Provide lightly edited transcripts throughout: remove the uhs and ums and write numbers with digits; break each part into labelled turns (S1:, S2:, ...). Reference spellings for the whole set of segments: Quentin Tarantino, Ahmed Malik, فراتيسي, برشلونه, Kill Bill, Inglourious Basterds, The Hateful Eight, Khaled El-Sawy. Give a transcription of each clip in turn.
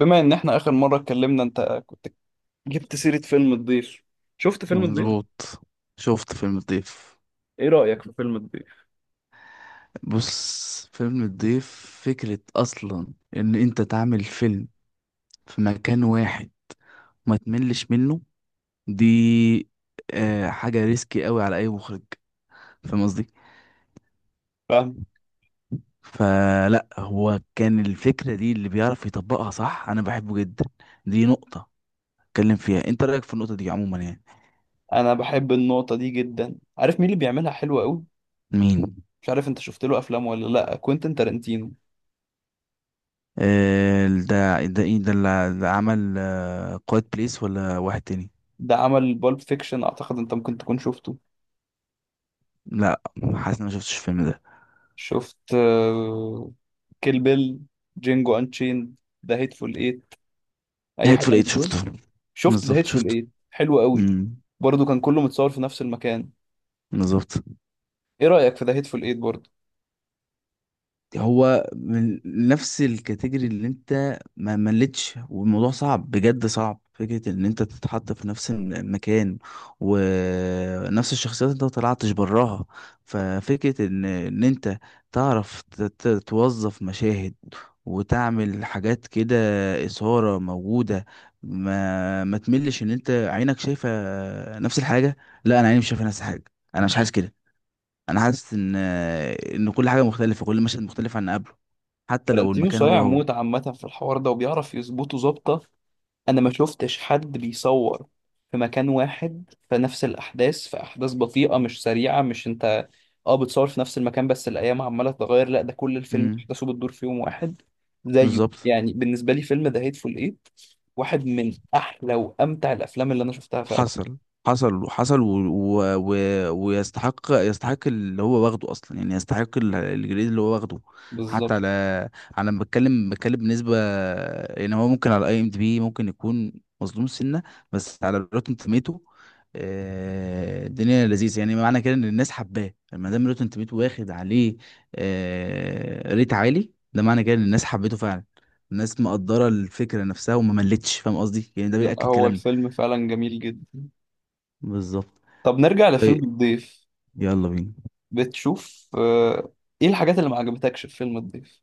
S1: بما ان احنا اخر مره اتكلمنا، انت كنت جبت سيره فيلم الضيف. شفت فيلم الضيف؟
S2: مظبوط. شفت فيلم الضيف.
S1: ايه رايك في فيلم الضيف؟
S2: بص، فيلم الضيف، فكرة أصلا إن أنت تعمل فيلم في مكان واحد ما تملش منه، دي حاجة ريسكي قوي على أي مخرج، فاهم قصدي؟
S1: فاهم.
S2: فلا هو كان الفكرة دي اللي بيعرف يطبقها صح، أنا بحبه جدا. دي نقطة اتكلم فيها، أنت رأيك في النقطة دي عموما
S1: انا بحب النقطه دي جدا، عارف مين اللي بيعملها حلوه قوي؟
S2: مين؟
S1: مش عارف انت شفت له افلام ولا لا، كوينتين تارانتينو.
S2: ده ده ده اللي ده عمل قائد بليس، ولا واحد تاني؟
S1: ده عمل بالب فيكشن، اعتقد انت ممكن تكون شفته.
S2: لا، حاسس إن أنا شفتش الفيلم ده.
S1: شفت كيل بيل؟ جينجو انشين؟ ذا هيتفول ايت؟ اي حاجه
S2: هيتفول
S1: من
S2: إيت
S1: دول؟
S2: شفته.
S1: شفت ذا
S2: بالظبط
S1: هيتفول
S2: شفته.
S1: ايت، حلو قوي.
S2: امم
S1: برضه كان كله متصور في نفس المكان.
S2: بالظبط.
S1: ايه رايك في ذا هيتفول ايت برضه؟
S2: هو من نفس الكاتيجوري اللي انت ما ملتش، والموضوع صعب، بجد صعب، فكرة ان انت تتحط في نفس المكان ونفس الشخصيات، انت ما طلعتش براها. ففكرة ان انت تعرف توظف مشاهد وتعمل حاجات كده، إثارة موجودة. ما تملش ان انت عينك شايفة نفس الحاجة. لا، انا عيني مش شايفة نفس الحاجة. انا مش حاسس كده. انا حاسس ان كل حاجة مختلفة، كل مشهد مختلف عن اللي قبله، حتى لو
S1: فلانتينو
S2: المكان هو
S1: صايع
S2: هو.
S1: موت عامة في الحوار ده وبيعرف يظبطه ظابطة. أنا ما شفتش حد بيصور في مكان واحد في نفس الأحداث، في أحداث بطيئة مش سريعة. مش أنت أه بتصور في نفس المكان بس الأيام عمالة تتغير، لا ده كل الفيلم
S2: امم
S1: أحداثه بتدور في يوم واحد. زيه
S2: بالظبط.
S1: يعني بالنسبة لي فيلم ذا هيتفول إيت واحد من أحلى وأمتع الأفلام اللي أنا شفتها فعلا.
S2: حصل. حصل ويستحق، اللي هو واخده اصلا، يعني يستحق الجريد اللي هو واخده. حتى
S1: بالظبط.
S2: على على ما بتكلم بالنسبه، يعني هو ممكن على اي ام دي بي ممكن يكون مظلوم سنه، بس على روتن توميتو الدنيا لذيذه، يعني معنى كده ان الناس حباه، ما دام روتن توميتو واخد عليه ريت عالي، ده معنى كده ان الناس حبيته فعلا، الناس مقدره الفكره نفسها وما ملتش، فاهم قصدي؟ يعني ده
S1: لا
S2: بيأكد
S1: هو
S2: كلامنا.
S1: الفيلم فعلا جميل جدا.
S2: بالظبط.
S1: طب نرجع لفيلم
S2: طيب،
S1: الضيف.
S2: يلا بينا.
S1: بتشوف إيه الحاجات اللي ما عجبتكش في فيلم الضيف؟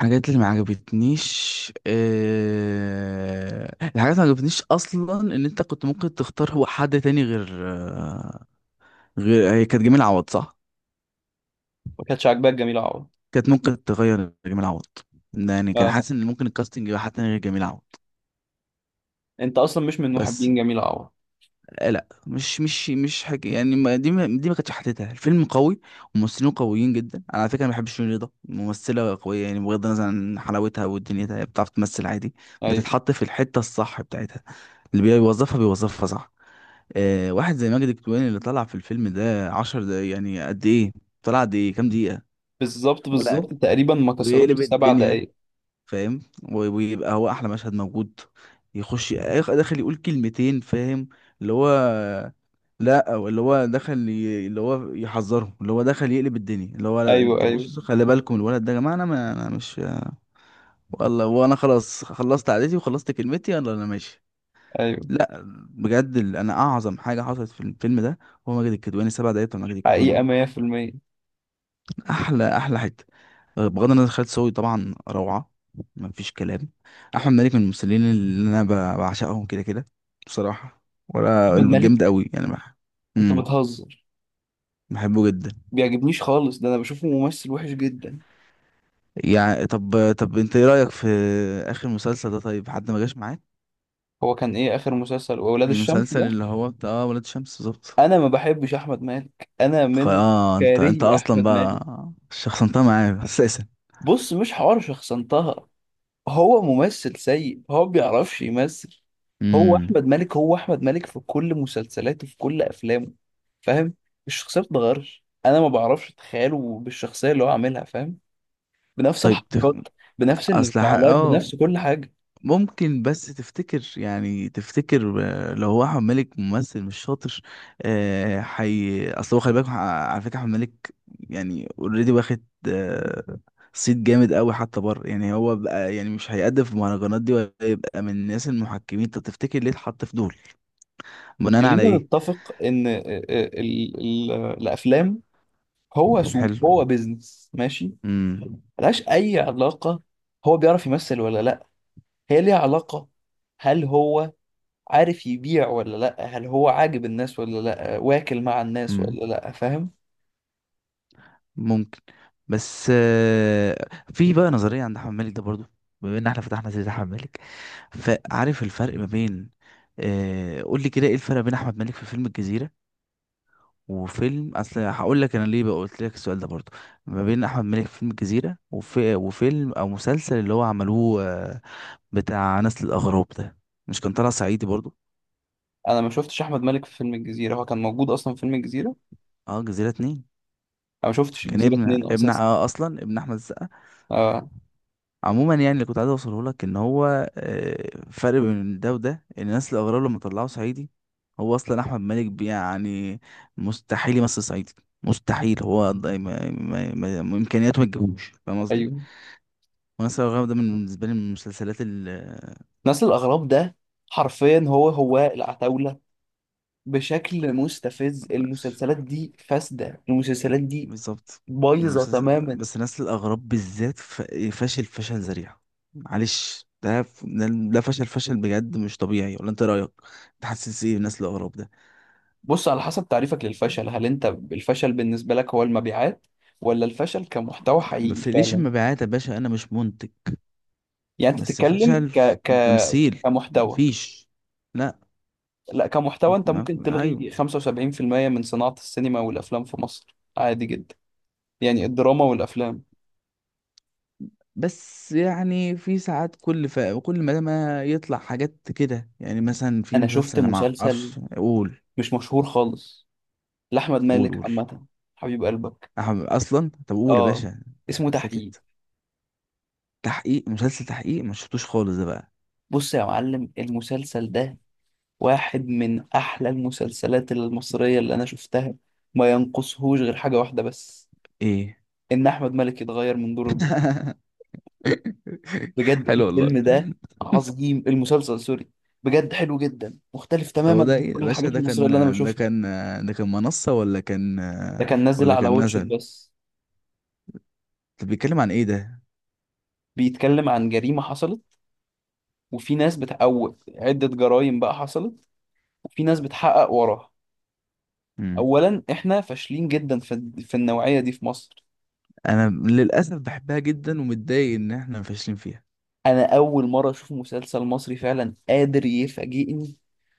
S2: الحاجات اللي ما عجبتنيش، الحاجات اللي ما عجبتنيش اصلا ان انت كنت ممكن تختار حد تاني غير آه، غير هي كانت جميل عوض، صح؟
S1: ما كانتش عاجباك جميلة عوض؟
S2: كانت ممكن تغير جميل عوض. يعني كان
S1: اه
S2: حاسس ان ممكن الكاستنج يبقى حد تاني غير جميل عوض.
S1: انت اصلا مش من
S2: بس
S1: محبين جميلة عوض؟
S2: لا مش حاجه يعني، ما دي ما كانتش حتتها الفيلم قوي. وممثلين قويين جدا، انا على فكره ما بحبش شيرين رضا، ممثله قويه يعني، بغض النظر عن حلاوتها ودنيتها، هي بتعرف تمثل عادي.
S1: ايوه.
S2: بتتحط في الحته الصح بتاعتها، اللي بيوظفها بيوظفها صح. آه، واحد زي ماجد الكدواني اللي طلع في الفيلم ده 10 دقايق، يعني قد ايه طلع، قد ايه، كام دقيقة،
S1: بالظبط بالظبط تقريبا ما كسروش
S2: ويقلب
S1: السبع
S2: الدنيا،
S1: دقايق.
S2: فاهم؟ ويبقى هو احلى مشهد موجود. داخل يقول كلمتين، فاهم؟ اللي هو لا، او اللي هو دخل اللي هو يحذره، اللي هو دخل يقلب الدنيا، اللي هو لا
S1: ايوه
S2: انت
S1: ايوه
S2: بص خلي بالكم الولد ده يا جماعه، انا ما انا مش والله، وانا خلاص خلصت عادتي وخلصت كلمتي، يلا انا ماشي.
S1: ايوه.
S2: لا، بجد انا اعظم حاجه حصلت في الفيلم ده هو ماجد الكدواني، 7 دقايق بتوع ماجد الكدواني
S1: حقيقة
S2: دول،
S1: 100%.
S2: احلى احلى حته. آه، بغض النظر، خالد صاوي طبعا روعه، مفيش كلام. احمد مالك من الممثلين اللي انا بعشقهم كده كده بصراحه، ولا
S1: احمد
S2: جامد
S1: مالك،
S2: قوي يعني،
S1: انت
S2: امم
S1: بتهزر؟
S2: بحبه جدا.
S1: بيعجبنيش خالص، ده انا بشوفه ممثل وحش جدا.
S2: يعني طب انت ايه رايك في اخر مسلسل ده؟ طيب، حد ما جاش معاك؟
S1: هو كان ايه اخر مسلسل، واولاد الشمس
S2: المسلسل
S1: ده؟
S2: اللي هو بتاع ولاد شمس، بالظبط.
S1: انا ما بحبش احمد مالك، انا من
S2: انت انت
S1: كارهي
S2: اصلا
S1: احمد مالك.
S2: بقى شخصنتها معايا اساسا.
S1: بص مش حوار شخصنتها، هو ممثل سيء، هو ما بيعرفش يمثل. هو
S2: امم
S1: احمد مالك هو احمد مالك في كل مسلسلاته في كل افلامه. فاهم. الشخصيه ما بتتغيرش، انا ما بعرفش اتخيله بالشخصيه اللي هو عاملها، فاهم؟ بنفس
S2: طيب تف...
S1: الحركات بنفس
S2: اصل ح...
S1: الانفعالات
S2: اه
S1: بنفس كل حاجه.
S2: ممكن بس تفتكر، يعني تفتكر آه، لو هو احمد مالك ممثل مش شاطر؟ آه، حي اصل هو خلي بالك، على فكره احمد مالك يعني اوريدي واخد آه، صيت جامد قوي حتى بره يعني، هو بقى يعني مش هيقدم في المهرجانات دي، ولا يبقى من الناس المحكمين. طب تفتكر ليه اتحط في دول، بناء على
S1: خلينا
S2: ايه؟
S1: نتفق ان ال- الافلام هو سوق،
S2: حلو.
S1: هو بيزنس، ماشي.
S2: امم
S1: ملهاش اي علاقه هو بيعرف يمثل ولا لا، هي ليها علاقه، هل هو عارف يبيع ولا لا، هل هو عاجب الناس ولا لا، واكل مع الناس
S2: امم.
S1: ولا لا، فاهم؟
S2: ممكن. بس آه، في بقى نظرية عند أحمد مالك ده برضو، بما إن احنا فتحنا سيرة أحمد مالك، فعارف الفرق ما بين آه، قول لي كده، ايه الفرق بين أحمد مالك في فيلم الجزيرة وفيلم، أصل هقول لك أنا ليه بقى قلت لك السؤال ده برضو، ما بين أحمد مالك في فيلم الجزيرة وفيلم أو مسلسل اللي هو عملوه آه، بتاع نسل الأغراب ده، مش كان طلع صعيدي برضو؟
S1: انا ما شفتش احمد مالك في فيلم الجزيره، هو كان موجود اصلا في فيلم الجزيره؟
S2: اه، جزيرة اتنين،
S1: انا ما شفتش
S2: كان
S1: الجزيره
S2: ابن
S1: اتنين
S2: ابن
S1: اساسا.
S2: اه اصلا ابن احمد السقا.
S1: اه.
S2: عموما يعني اللي كنت عايز اوصله لك ان هو آه، فرق بين ده وده، ان الناس الاغراب لما طلعوا صعيدي، هو اصلا احمد مالك يعني مستحيل يمثل صعيدي، مستحيل. هو امكانياته ما تجيبوش، فاهم قصدي؟
S1: ايوه.
S2: وناس الاغراب ده من بالنسبه لي من المسلسلات ال آه،
S1: نسل الاغراب ده حرفيا هو هو العتاوله بشكل مستفز. المسلسلات دي فاسده، المسلسلات دي
S2: بالظبط.
S1: بايظه
S2: المسلسل،
S1: تماما.
S2: بس ناس الاغراب بالذات فاشل فشل ذريع، معلش. ده ف- ده ده فشل، فشل بجد مش طبيعي، ولا انت إيه رايك؟ تحسس ايه ناس الاغراب ده؟
S1: بص، على حسب تعريفك للفشل، هل انت الفشل بالنسبه لك هو المبيعات ولا الفشل كمحتوى حقيقي
S2: مفيش
S1: فعلا؟
S2: مبيعات يا باشا، انا مش منتج.
S1: يعني انت
S2: بس
S1: تتكلم
S2: فشل
S1: ك
S2: في
S1: ك
S2: تمثيل،
S1: كمحتوى
S2: مفيش. لا.
S1: لا كمحتوى، انت
S2: ما-
S1: ممكن
S2: ايوه.
S1: تلغي 75% من صناعه السينما والافلام في مصر عادي جدا. يعني الدراما والافلام.
S2: بس يعني في ساعات كل ما يطلع حاجات كده يعني، مثلا في
S1: انا
S2: مسلسل،
S1: شفت
S2: أنا ما
S1: مسلسل
S2: اعرفش، قول.
S1: مش مشهور خالص لأحمد
S2: قول
S1: مالك
S2: قول.
S1: عامة. حبيب قلبك.
S2: اصلا طب قول يا
S1: اه.
S2: باشا.
S1: اسمه تحقيق.
S2: سكت؟ تحقيق، مسلسل تحقيق، ما شفتوش خالص ده بقى.
S1: بص يا معلم، المسلسل ده واحد من أحلى المسلسلات المصرية اللي أنا شفتها، ما ينقصهوش غير حاجة واحدة بس.
S2: ايه؟
S1: إن أحمد مالك يتغير من دور البطل. بجد
S2: حلو والله.
S1: الفيلم ده عظيم، المسلسل سوري. بجد حلو جدا، مختلف تماما
S2: هو ده
S1: عن
S2: ايه يا
S1: كل
S2: باشا؟
S1: الحاجات
S2: ده
S1: المصرية
S2: كان
S1: اللي أنا
S2: ده
S1: بشوفها.
S2: كان ده كان منصة ولا كان،
S1: ده كان نازل
S2: ولا
S1: على
S2: كان
S1: واتشت
S2: نزل؟
S1: بس.
S2: طب بيتكلم عن ايه ده؟
S1: بيتكلم عن جريمة حصلت، وفي ناس بتقوت عدة جرائم بقى حصلت، وفي ناس بتحقق وراها.
S2: امم
S1: اولا احنا فاشلين جدا في النوعيه دي في مصر.
S2: انا للاسف بحبها جدا، ومتضايق ان احنا فاشلين فيها.
S1: انا اول مره اشوف مسلسل مصري فعلا قادر يفاجئني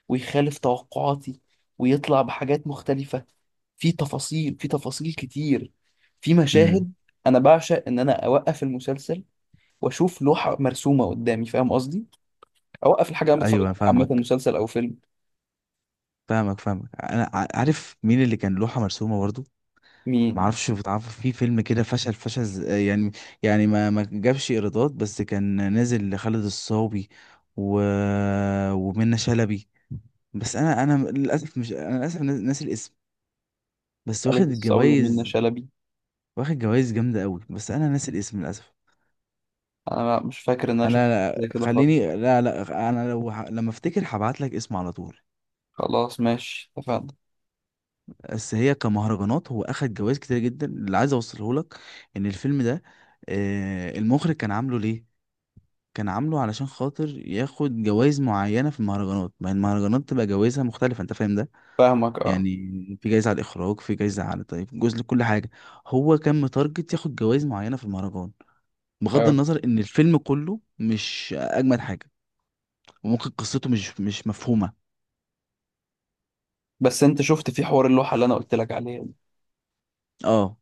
S1: ويخالف توقعاتي ويطلع بحاجات مختلفه، في تفاصيل، في تفاصيل كتير، في
S2: امم
S1: مشاهد. انا بعشق ان انا اوقف المسلسل واشوف لوحه مرسومه قدامي، فاهم قصدي؟ اوقف الحاجه اللي انا بتفرج
S2: ايوه، أنا
S1: عليها، عامه
S2: فاهمك
S1: مسلسل او فيلم.
S2: فاهمك فاهمك. انا عارف مين اللي كان لوحه مرسومه برضو. ما
S1: مين؟
S2: اعرفش، بتعرف، في فيلم كده فشل، يعني ما جابش ايرادات، بس كان نازل لخالد الصاوي و... ومنة شلبي. بس انا للاسف مش، للاسف ناسي الاسم، بس واخد
S1: خالد الصاوي ومنة
S2: الجوائز.
S1: شلبي.
S2: واخد جوائز جامده قوي، بس انا ناسي الاسم للاسف.
S1: انا مش فاكر ان انا شفت
S2: انا
S1: زي كده خالص.
S2: خليني، لا انا لو لما افتكر هبعت لك اسم على طول.
S1: خلاص ماشي اتفقنا.
S2: بس هي كمهرجانات هو اخد جوائز كتير جدا، اللي عايز اوصله لك ان الفيلم ده آه، المخرج كان عامله ليه، كان عامله علشان خاطر ياخد جوائز معينة في المهرجانات، ما هي المهرجانات تبقى جوائزها مختلفة، انت فاهم ده؟
S1: فاهمك اه.
S2: يعني في جايزة على الاخراج، في جايزة على طيب، جزء لكل حاجة، هو كان متارجت ياخد جوائز معينة في المهرجان، بغض
S1: اه
S2: النظر ان الفيلم كله مش اجمد حاجة، وممكن قصته مش مفهومة.
S1: بس انت شفت في حوار اللوحه اللي انا قلت لك عليها دي؟
S2: اه،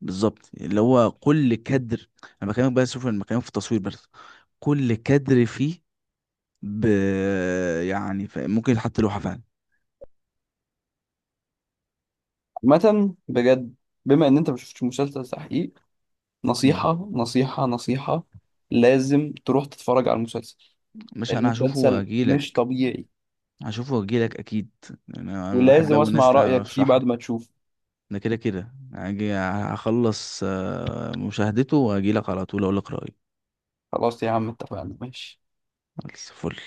S2: بالظبط. اللي هو كل كادر، انا بكلمك بقى، شوف، انا بكلمك في التصوير بس، كل كادر فيه ب... ممكن يتحط لوحة فعلا.
S1: عامه بجد، بما ان انت ما شفتش مسلسل تحقيق،
S2: مم.
S1: نصيحه نصيحه نصيحه لازم تروح تتفرج على المسلسل.
S2: مش انا هشوفه
S1: المسلسل مش
S2: واجيلك.
S1: طبيعي.
S2: هشوفه واجيلك اكيد. يعني انا بحب
S1: ولازم
S2: اوي الناس
S1: اسمع رايك فيه
S2: تشرح
S1: بعد
S2: لي.
S1: ما تشوف.
S2: ده كده كده هاجي هخلص آه، مشاهدته واجيلك على طول، اقولك رأيي.
S1: خلاص يا عم اتفقنا، ماشي،
S2: خلاص، فل.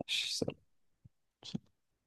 S1: ماشي.